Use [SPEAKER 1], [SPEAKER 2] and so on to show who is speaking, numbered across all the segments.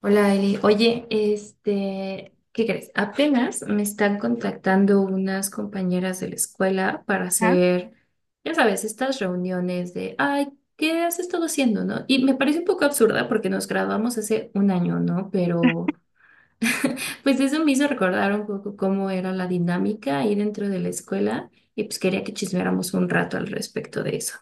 [SPEAKER 1] Hola, Eli. Oye, este, ¿qué crees? Apenas me están contactando unas compañeras de la escuela para
[SPEAKER 2] Ajá.
[SPEAKER 1] hacer, ya sabes, estas reuniones de, ay, ¿qué has estado haciendo, no? Y me parece un poco absurda porque nos graduamos hace un año, ¿no? Pero, pues eso me hizo recordar un poco cómo era la dinámica ahí dentro de la escuela y pues quería que chismeáramos un rato al respecto de eso.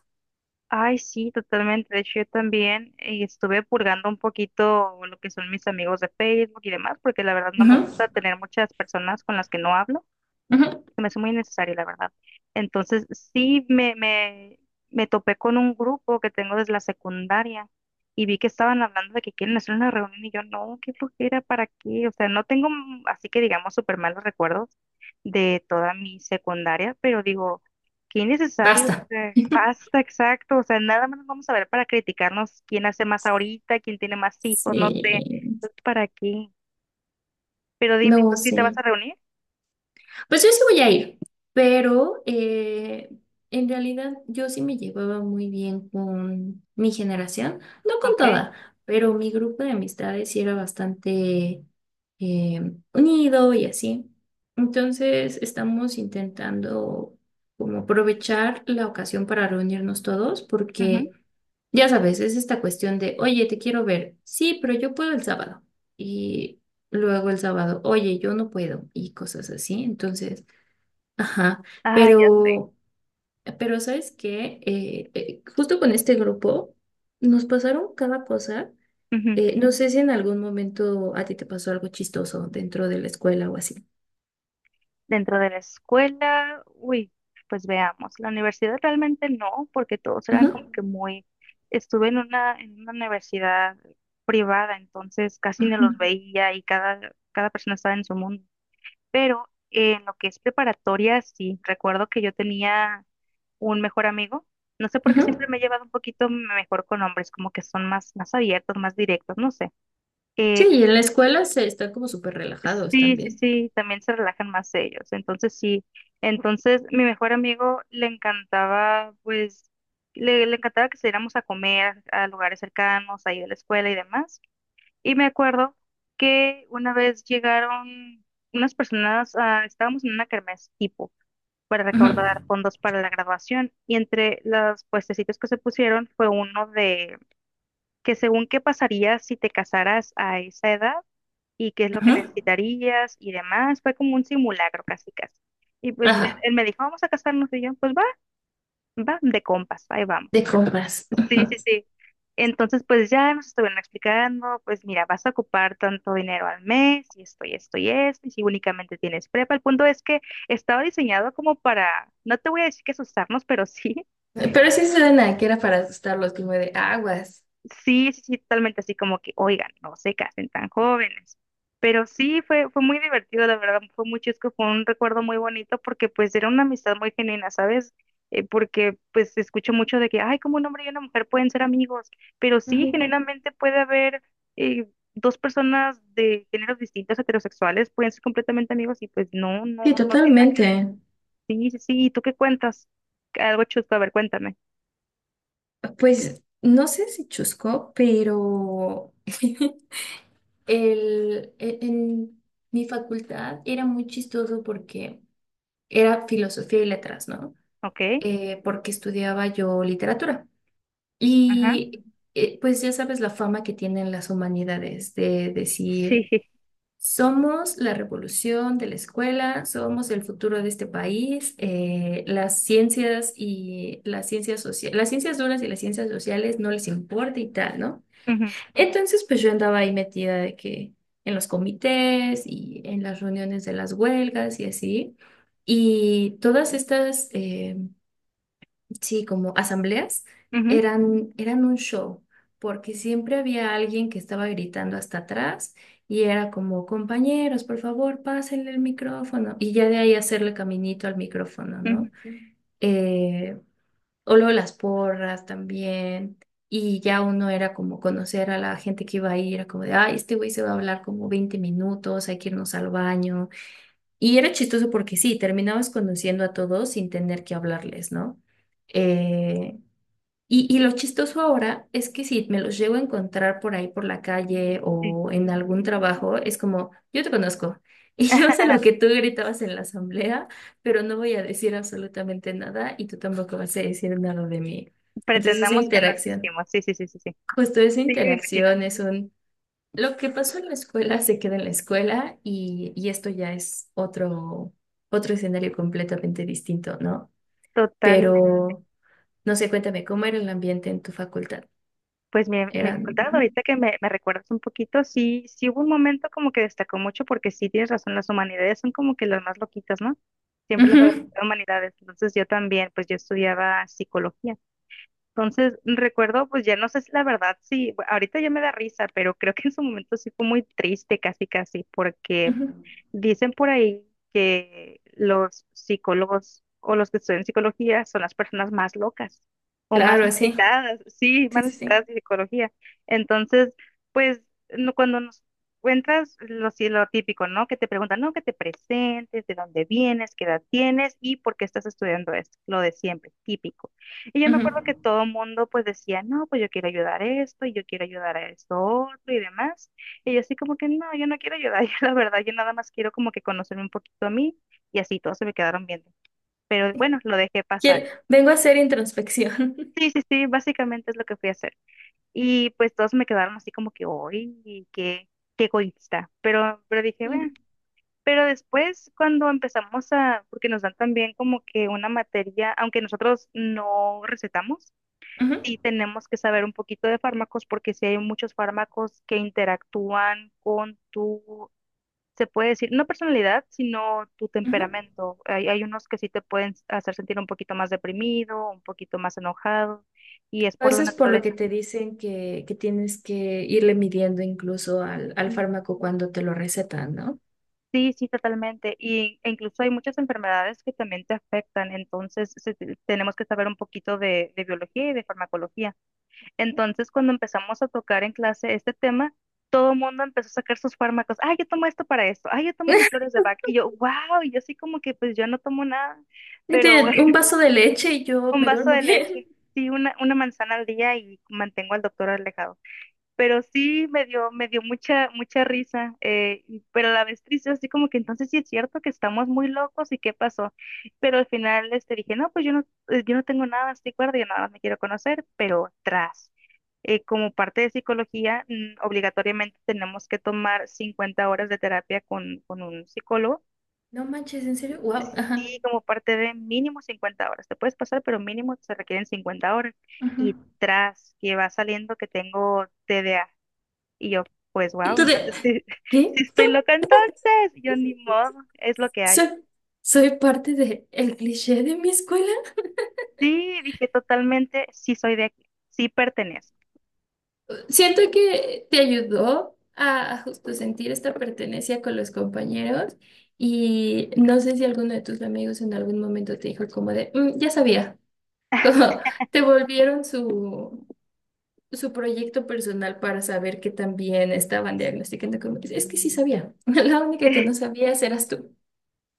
[SPEAKER 2] Ay, sí, totalmente. De hecho, yo también estuve purgando un poquito lo que son mis amigos de Facebook y demás, porque la verdad no me
[SPEAKER 1] Ujú,
[SPEAKER 2] gusta tener muchas personas con las que no hablo.
[SPEAKER 1] ujú.
[SPEAKER 2] Se me hace muy innecesario, la verdad. Entonces, sí me topé con un grupo que tengo desde la secundaria y vi que estaban hablando de que quieren hacer una reunión y yo, no, qué flojera, ¿para qué? O sea, no tengo, así que digamos, súper malos recuerdos de toda mi secundaria, pero digo, qué innecesario, o
[SPEAKER 1] Basta.
[SPEAKER 2] sea, basta, exacto, o sea, nada más nos vamos a ver para criticarnos quién hace más ahorita, quién tiene más hijos, no sé,
[SPEAKER 1] Sí,
[SPEAKER 2] entonces, ¿para qué? Pero dime, ¿tú
[SPEAKER 1] no
[SPEAKER 2] sí te vas
[SPEAKER 1] sé.
[SPEAKER 2] a reunir?
[SPEAKER 1] Pues yo sí voy a ir, pero en realidad yo sí me llevaba muy bien con mi generación, no con
[SPEAKER 2] Ok.
[SPEAKER 1] toda, pero mi grupo de amistades sí era bastante unido y así. Entonces estamos intentando como aprovechar la ocasión para reunirnos todos
[SPEAKER 2] Ujú.
[SPEAKER 1] porque... Ya sabes, es esta cuestión de, oye, te quiero ver. Sí, pero yo puedo el sábado. Y luego el sábado, oye, yo no puedo y cosas así. Entonces, ajá,
[SPEAKER 2] Ah, ya sé.
[SPEAKER 1] pero, pero ¿sabes qué? Justo con este grupo nos pasaron cada cosa. No sé si en algún momento a ti te pasó algo chistoso dentro de la escuela o así.
[SPEAKER 2] Dentro de la escuela, uy, pues veamos. La universidad realmente no, porque todos eran
[SPEAKER 1] Ajá,
[SPEAKER 2] como que muy. Estuve en una universidad privada, entonces casi no los
[SPEAKER 1] ajá,
[SPEAKER 2] veía y cada persona estaba en su mundo. Pero en lo que es preparatoria, sí, recuerdo que yo tenía un mejor amigo. No sé por qué
[SPEAKER 1] ajá.
[SPEAKER 2] siempre me he llevado un poquito mejor con hombres, como que son más, más abiertos, más directos, no sé.
[SPEAKER 1] Sí,
[SPEAKER 2] Eh,
[SPEAKER 1] y en la
[SPEAKER 2] y
[SPEAKER 1] escuela se están como súper relajados
[SPEAKER 2] Sí, sí,
[SPEAKER 1] también.
[SPEAKER 2] sí, también se relajan más ellos. Entonces, sí. Entonces, mi mejor amigo le encantaba, pues, le encantaba que saliéramos a comer a lugares cercanos, ahí de la escuela y demás. Y me acuerdo que una vez llegaron unas personas, ah, estábamos en una kermés tipo para
[SPEAKER 1] Ajá,
[SPEAKER 2] recaudar fondos para la graduación. Y entre los puestecitos que se pusieron fue uno de que según qué pasaría si te casaras a esa edad y qué es lo que
[SPEAKER 1] ajá,
[SPEAKER 2] necesitarías y demás. Fue como un simulacro casi casi. Y pues él,
[SPEAKER 1] ajá,
[SPEAKER 2] él me dijo, vamos a casarnos y yo, pues va, va, de compas, ahí
[SPEAKER 1] de
[SPEAKER 2] vamos.
[SPEAKER 1] compras.
[SPEAKER 2] Sí,
[SPEAKER 1] Ajá.
[SPEAKER 2] sí, sí. Entonces, pues ya nos estuvieron explicando, pues mira, vas a ocupar tanto dinero al mes y esto y esto y esto, y si únicamente tienes prepa. El punto es que estaba diseñado como para, no te voy a decir que asustarnos, pero sí,
[SPEAKER 1] Pero sí suena que era para asustarlos, como de aguas.
[SPEAKER 2] sí, sí, sí, totalmente así como que, oigan, no se casen tan jóvenes. Pero sí, fue muy divertido, la verdad, fue muy chusco, fue un recuerdo muy bonito porque pues era una amistad muy genuina, ¿sabes? Porque pues escucho mucho de que, ay, como un hombre y una mujer pueden ser amigos, pero sí,
[SPEAKER 1] Ajá.
[SPEAKER 2] generalmente puede haber eh, dos personas de géneros distintos, heterosexuales, pueden ser completamente amigos y pues no,
[SPEAKER 1] Sí,
[SPEAKER 2] no, no tiene.
[SPEAKER 1] totalmente.
[SPEAKER 2] Sí, sí, sí, ¿y tú qué cuentas? Algo chusco, a ver, cuéntame,
[SPEAKER 1] Pues no sé si chusco, pero en mi facultad era muy chistoso porque era filosofía y letras, ¿no?
[SPEAKER 2] ¿ok?
[SPEAKER 1] Porque estudiaba yo literatura.
[SPEAKER 2] Ajá,
[SPEAKER 1] Y pues ya sabes la fama que tienen las humanidades de decir...
[SPEAKER 2] sí,
[SPEAKER 1] Somos la revolución de la escuela, somos el futuro de este país. Eh, las ciencias y las ciencias sociales, las ciencias duras y las ciencias sociales no les importa y tal, ¿no?
[SPEAKER 2] ujú,
[SPEAKER 1] Entonces, pues yo andaba ahí metida de que en los comités y en las reuniones de las huelgas y así. Y todas estas sí, como asambleas,
[SPEAKER 2] ujú,
[SPEAKER 1] eran un show, porque siempre había alguien que estaba gritando hasta atrás y era como, compañeros, por favor, pásenle el micrófono. Y ya de ahí hacerle caminito al micrófono,
[SPEAKER 2] ujú,
[SPEAKER 1] ¿no? Eh, o luego las porras también. Y ya uno era como conocer a la gente que iba a ir, era como de, ay, este güey se va a hablar como 20 minutos, hay que irnos al baño. Y era chistoso porque sí, terminabas conociendo a todos sin tener que hablarles, ¿no? Eh, y lo chistoso ahora es que si me los llego a encontrar por ahí por la calle
[SPEAKER 2] sí.
[SPEAKER 1] o en algún trabajo, es como, yo te conozco y yo sé lo que tú gritabas en la asamblea, pero no voy a decir absolutamente nada y tú tampoco vas a decir nada de mí. Entonces esa
[SPEAKER 2] Pretendamos que no
[SPEAKER 1] interacción,
[SPEAKER 2] existimos. Sí, sí, sí, sí, sí.
[SPEAKER 1] justo esa
[SPEAKER 2] Sí, me imagino.
[SPEAKER 1] interacción lo que pasó en la escuela se queda en la escuela y esto ya es otro escenario completamente distinto, ¿no?
[SPEAKER 2] Total.
[SPEAKER 1] Pero, no sé, cuéntame, ¿cómo era el ambiente en tu facultad?
[SPEAKER 2] Pues me
[SPEAKER 1] Eran.
[SPEAKER 2] contabas
[SPEAKER 1] Ujú,
[SPEAKER 2] ahorita que me recuerdas un poquito, sí, sí hubo un momento como que destacó mucho porque sí tienes razón, las humanidades son como que las más loquitas, ¿no? Siempre las
[SPEAKER 1] ujú,
[SPEAKER 2] humanidades. Entonces yo también, pues yo estudiaba psicología. Entonces recuerdo, pues ya no sé si la verdad, sí, ahorita ya me da risa, pero creo que en su momento sí fue muy triste, casi, casi, porque
[SPEAKER 1] ujú.
[SPEAKER 2] dicen por ahí que los psicólogos o los que estudian psicología son las personas más locas o más
[SPEAKER 1] Claro, sí.
[SPEAKER 2] necesitadas, sí,
[SPEAKER 1] Sí,
[SPEAKER 2] más
[SPEAKER 1] sí,
[SPEAKER 2] necesitadas
[SPEAKER 1] sí.
[SPEAKER 2] de psicología. Entonces, pues cuando nos encuentras lo, sí, lo típico, ¿no? Que te preguntan, no, que te presentes, de dónde vienes, qué edad tienes y por qué estás estudiando esto, lo de siempre, típico. Y yo me
[SPEAKER 1] Ujú.
[SPEAKER 2] acuerdo que todo el mundo pues decía, no, pues yo quiero ayudar a esto y yo quiero ayudar a esto otro y demás. Y yo así como que no, yo no quiero ayudar, yo la verdad, yo nada más quiero como que conocerme un poquito a mí y así todos se me quedaron viendo. Pero bueno, lo dejé pasar.
[SPEAKER 1] Quiero- vengo a hacer introspección.
[SPEAKER 2] Sí, sí, sí, básicamente es lo que fui a hacer. Y pues todos me quedaron así como que, uy, qué egoísta. Pero dije, bueno,
[SPEAKER 1] Mm,
[SPEAKER 2] pero después cuando porque nos dan también como que una materia, aunque nosotros no recetamos,
[SPEAKER 1] ujú,
[SPEAKER 2] sí tenemos que saber un poquito de fármacos porque sí hay muchos fármacos que interactúan con tu se puede decir, no personalidad, sino tu
[SPEAKER 1] ujú.
[SPEAKER 2] temperamento. Hay unos que sí te pueden hacer sentir un poquito más deprimido, un poquito más enojado, y es
[SPEAKER 1] A
[SPEAKER 2] por la
[SPEAKER 1] veces por lo que
[SPEAKER 2] naturaleza.
[SPEAKER 1] te dicen que, tienes que irle midiendo incluso al
[SPEAKER 2] Sí,
[SPEAKER 1] fármaco cuando te lo recetan, ¿no?
[SPEAKER 2] sí, sí, totalmente. Y, e incluso hay muchas enfermedades que también te afectan, entonces tenemos que saber un poquito de, biología y de farmacología. Entonces, cuando empezamos a tocar en clase este tema, todo el mundo empezó a sacar sus fármacos. Ah, yo tomo esto para esto. Ah, yo tomo mis flores de Bach. Y yo, wow, y yo así como que pues yo no tomo nada. Pero
[SPEAKER 1] Gente, un vaso de leche y yo
[SPEAKER 2] un
[SPEAKER 1] me
[SPEAKER 2] vaso
[SPEAKER 1] duermo
[SPEAKER 2] de
[SPEAKER 1] bien.
[SPEAKER 2] leche, sí, una manzana al día y mantengo al doctor alejado. Pero sí me dio mucha, mucha risa, pero a la vez triste, así como que entonces sí es cierto que estamos muy locos y qué pasó. Pero al final este, dije, no, pues yo no tengo nada, estoy cuerda, yo nada más me quiero conocer, pero tras. Como parte de psicología, obligatoriamente tenemos que tomar 50 horas de terapia con, un psicólogo.
[SPEAKER 1] No manches, ¿en serio? Wow, ajá.
[SPEAKER 2] Sí, como parte de mínimo 50 horas. Te puedes pasar, pero mínimo se requieren 50 horas.
[SPEAKER 1] Ujú.
[SPEAKER 2] Y tras que va saliendo que tengo TDA. Y yo, pues
[SPEAKER 1] Y
[SPEAKER 2] wow,
[SPEAKER 1] tú de,
[SPEAKER 2] entonces sí,
[SPEAKER 1] ¿qué?
[SPEAKER 2] sí estoy loca entonces. Y yo ni modo, es lo que hay.
[SPEAKER 1] Soy, soy parte de el cliché de mi escuela.
[SPEAKER 2] Sí, dije totalmente, sí soy de aquí, sí pertenezco.
[SPEAKER 1] Siento que te ayudó a justo sentir esta pertenencia con los compañeros y no sé si alguno de tus amigos en algún momento te dijo como de, "Mm, ya sabía", como te volvieron su proyecto personal para saber que también estaban diagnosticando como, es que sí sabía, la única que no sabías eras tú.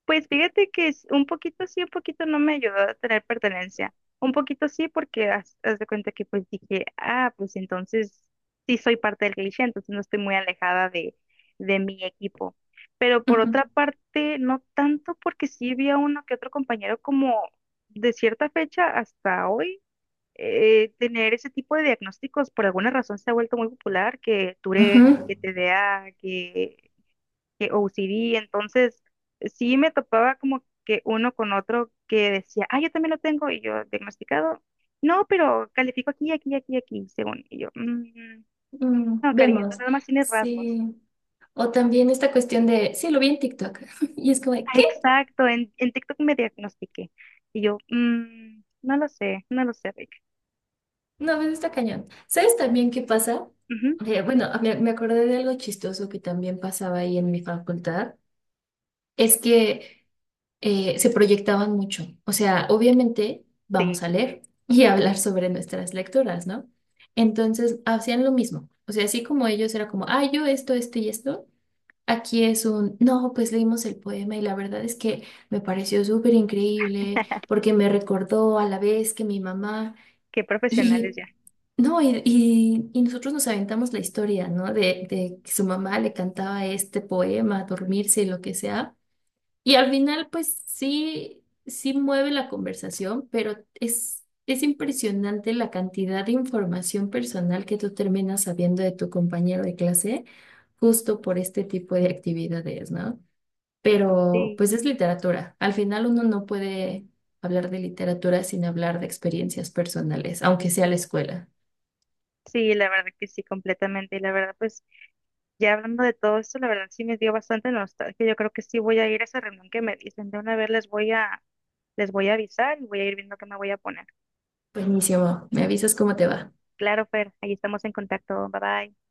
[SPEAKER 2] Pues fíjate que es un poquito sí, un poquito no me ayudó a tener pertenencia. Un poquito sí, porque haz de cuenta que pues dije, ah, pues entonces sí soy parte del cliché, entonces no estoy muy alejada de mi equipo. Pero por
[SPEAKER 1] Ujú.
[SPEAKER 2] otra parte, no tanto porque sí había uno que otro compañero como de cierta fecha hasta hoy, tener ese tipo de diagnósticos por alguna razón se ha vuelto muy popular, que Tourette, que
[SPEAKER 1] Ujú.
[SPEAKER 2] TDA, que OCD, entonces sí me topaba como que uno con otro que decía, ah, yo también lo tengo, y yo, diagnosticado, no, pero califico aquí, aquí, aquí, aquí, según, y yo, "Mm,
[SPEAKER 1] Mm,
[SPEAKER 2] no, cariño, tú
[SPEAKER 1] vemos,
[SPEAKER 2] nada más tienes rasgos.
[SPEAKER 1] sí. O también esta cuestión de, sí, lo vi en TikTok. Y es como, de,
[SPEAKER 2] Ah,
[SPEAKER 1] ¿qué?
[SPEAKER 2] exacto, en TikTok me diagnostiqué, y yo, "Mm, no lo sé, no lo sé, Rick.
[SPEAKER 1] No, pues está cañón. ¿Sabes también qué pasa?
[SPEAKER 2] Ujú,
[SPEAKER 1] Bueno, me acordé de algo chistoso que también pasaba ahí en mi facultad. Es que se proyectaban mucho. O sea, obviamente
[SPEAKER 2] sí,
[SPEAKER 1] vamos a leer y a hablar sobre nuestras lecturas, ¿no? Entonces hacían lo mismo. O sea, así como ellos era como, ah, yo esto, esto y esto. Aquí es un, no, pues leímos el poema y la verdad es que me pareció súper increíble porque me recordó a la vez que mi mamá.
[SPEAKER 2] qué profesionales
[SPEAKER 1] Y
[SPEAKER 2] ya.
[SPEAKER 1] no, y nosotros nos aventamos la historia, ¿no? De que su mamá le cantaba este poema, dormirse y lo que sea. Y al final, pues sí, sí mueve la conversación, pero es impresionante la cantidad de información personal que tú terminas sabiendo de tu compañero de clase justo por este tipo de actividades, ¿no? Pero
[SPEAKER 2] Sí,
[SPEAKER 1] pues es literatura. Al final uno no puede hablar de literatura sin hablar de experiencias personales, aunque sea la escuela.
[SPEAKER 2] sí, la verdad que sí, completamente, y la verdad, pues, ya hablando de todo esto, la verdad sí me dio bastante nostalgia. Yo creo que sí voy a ir a esa reunión que me dicen. De una vez les voy a, Les voy a avisar y voy a ir viendo qué me voy a poner.
[SPEAKER 1] Buenísimo, me avisas cómo te va.
[SPEAKER 2] Claro, Fer, ahí estamos en contacto. Bye bye.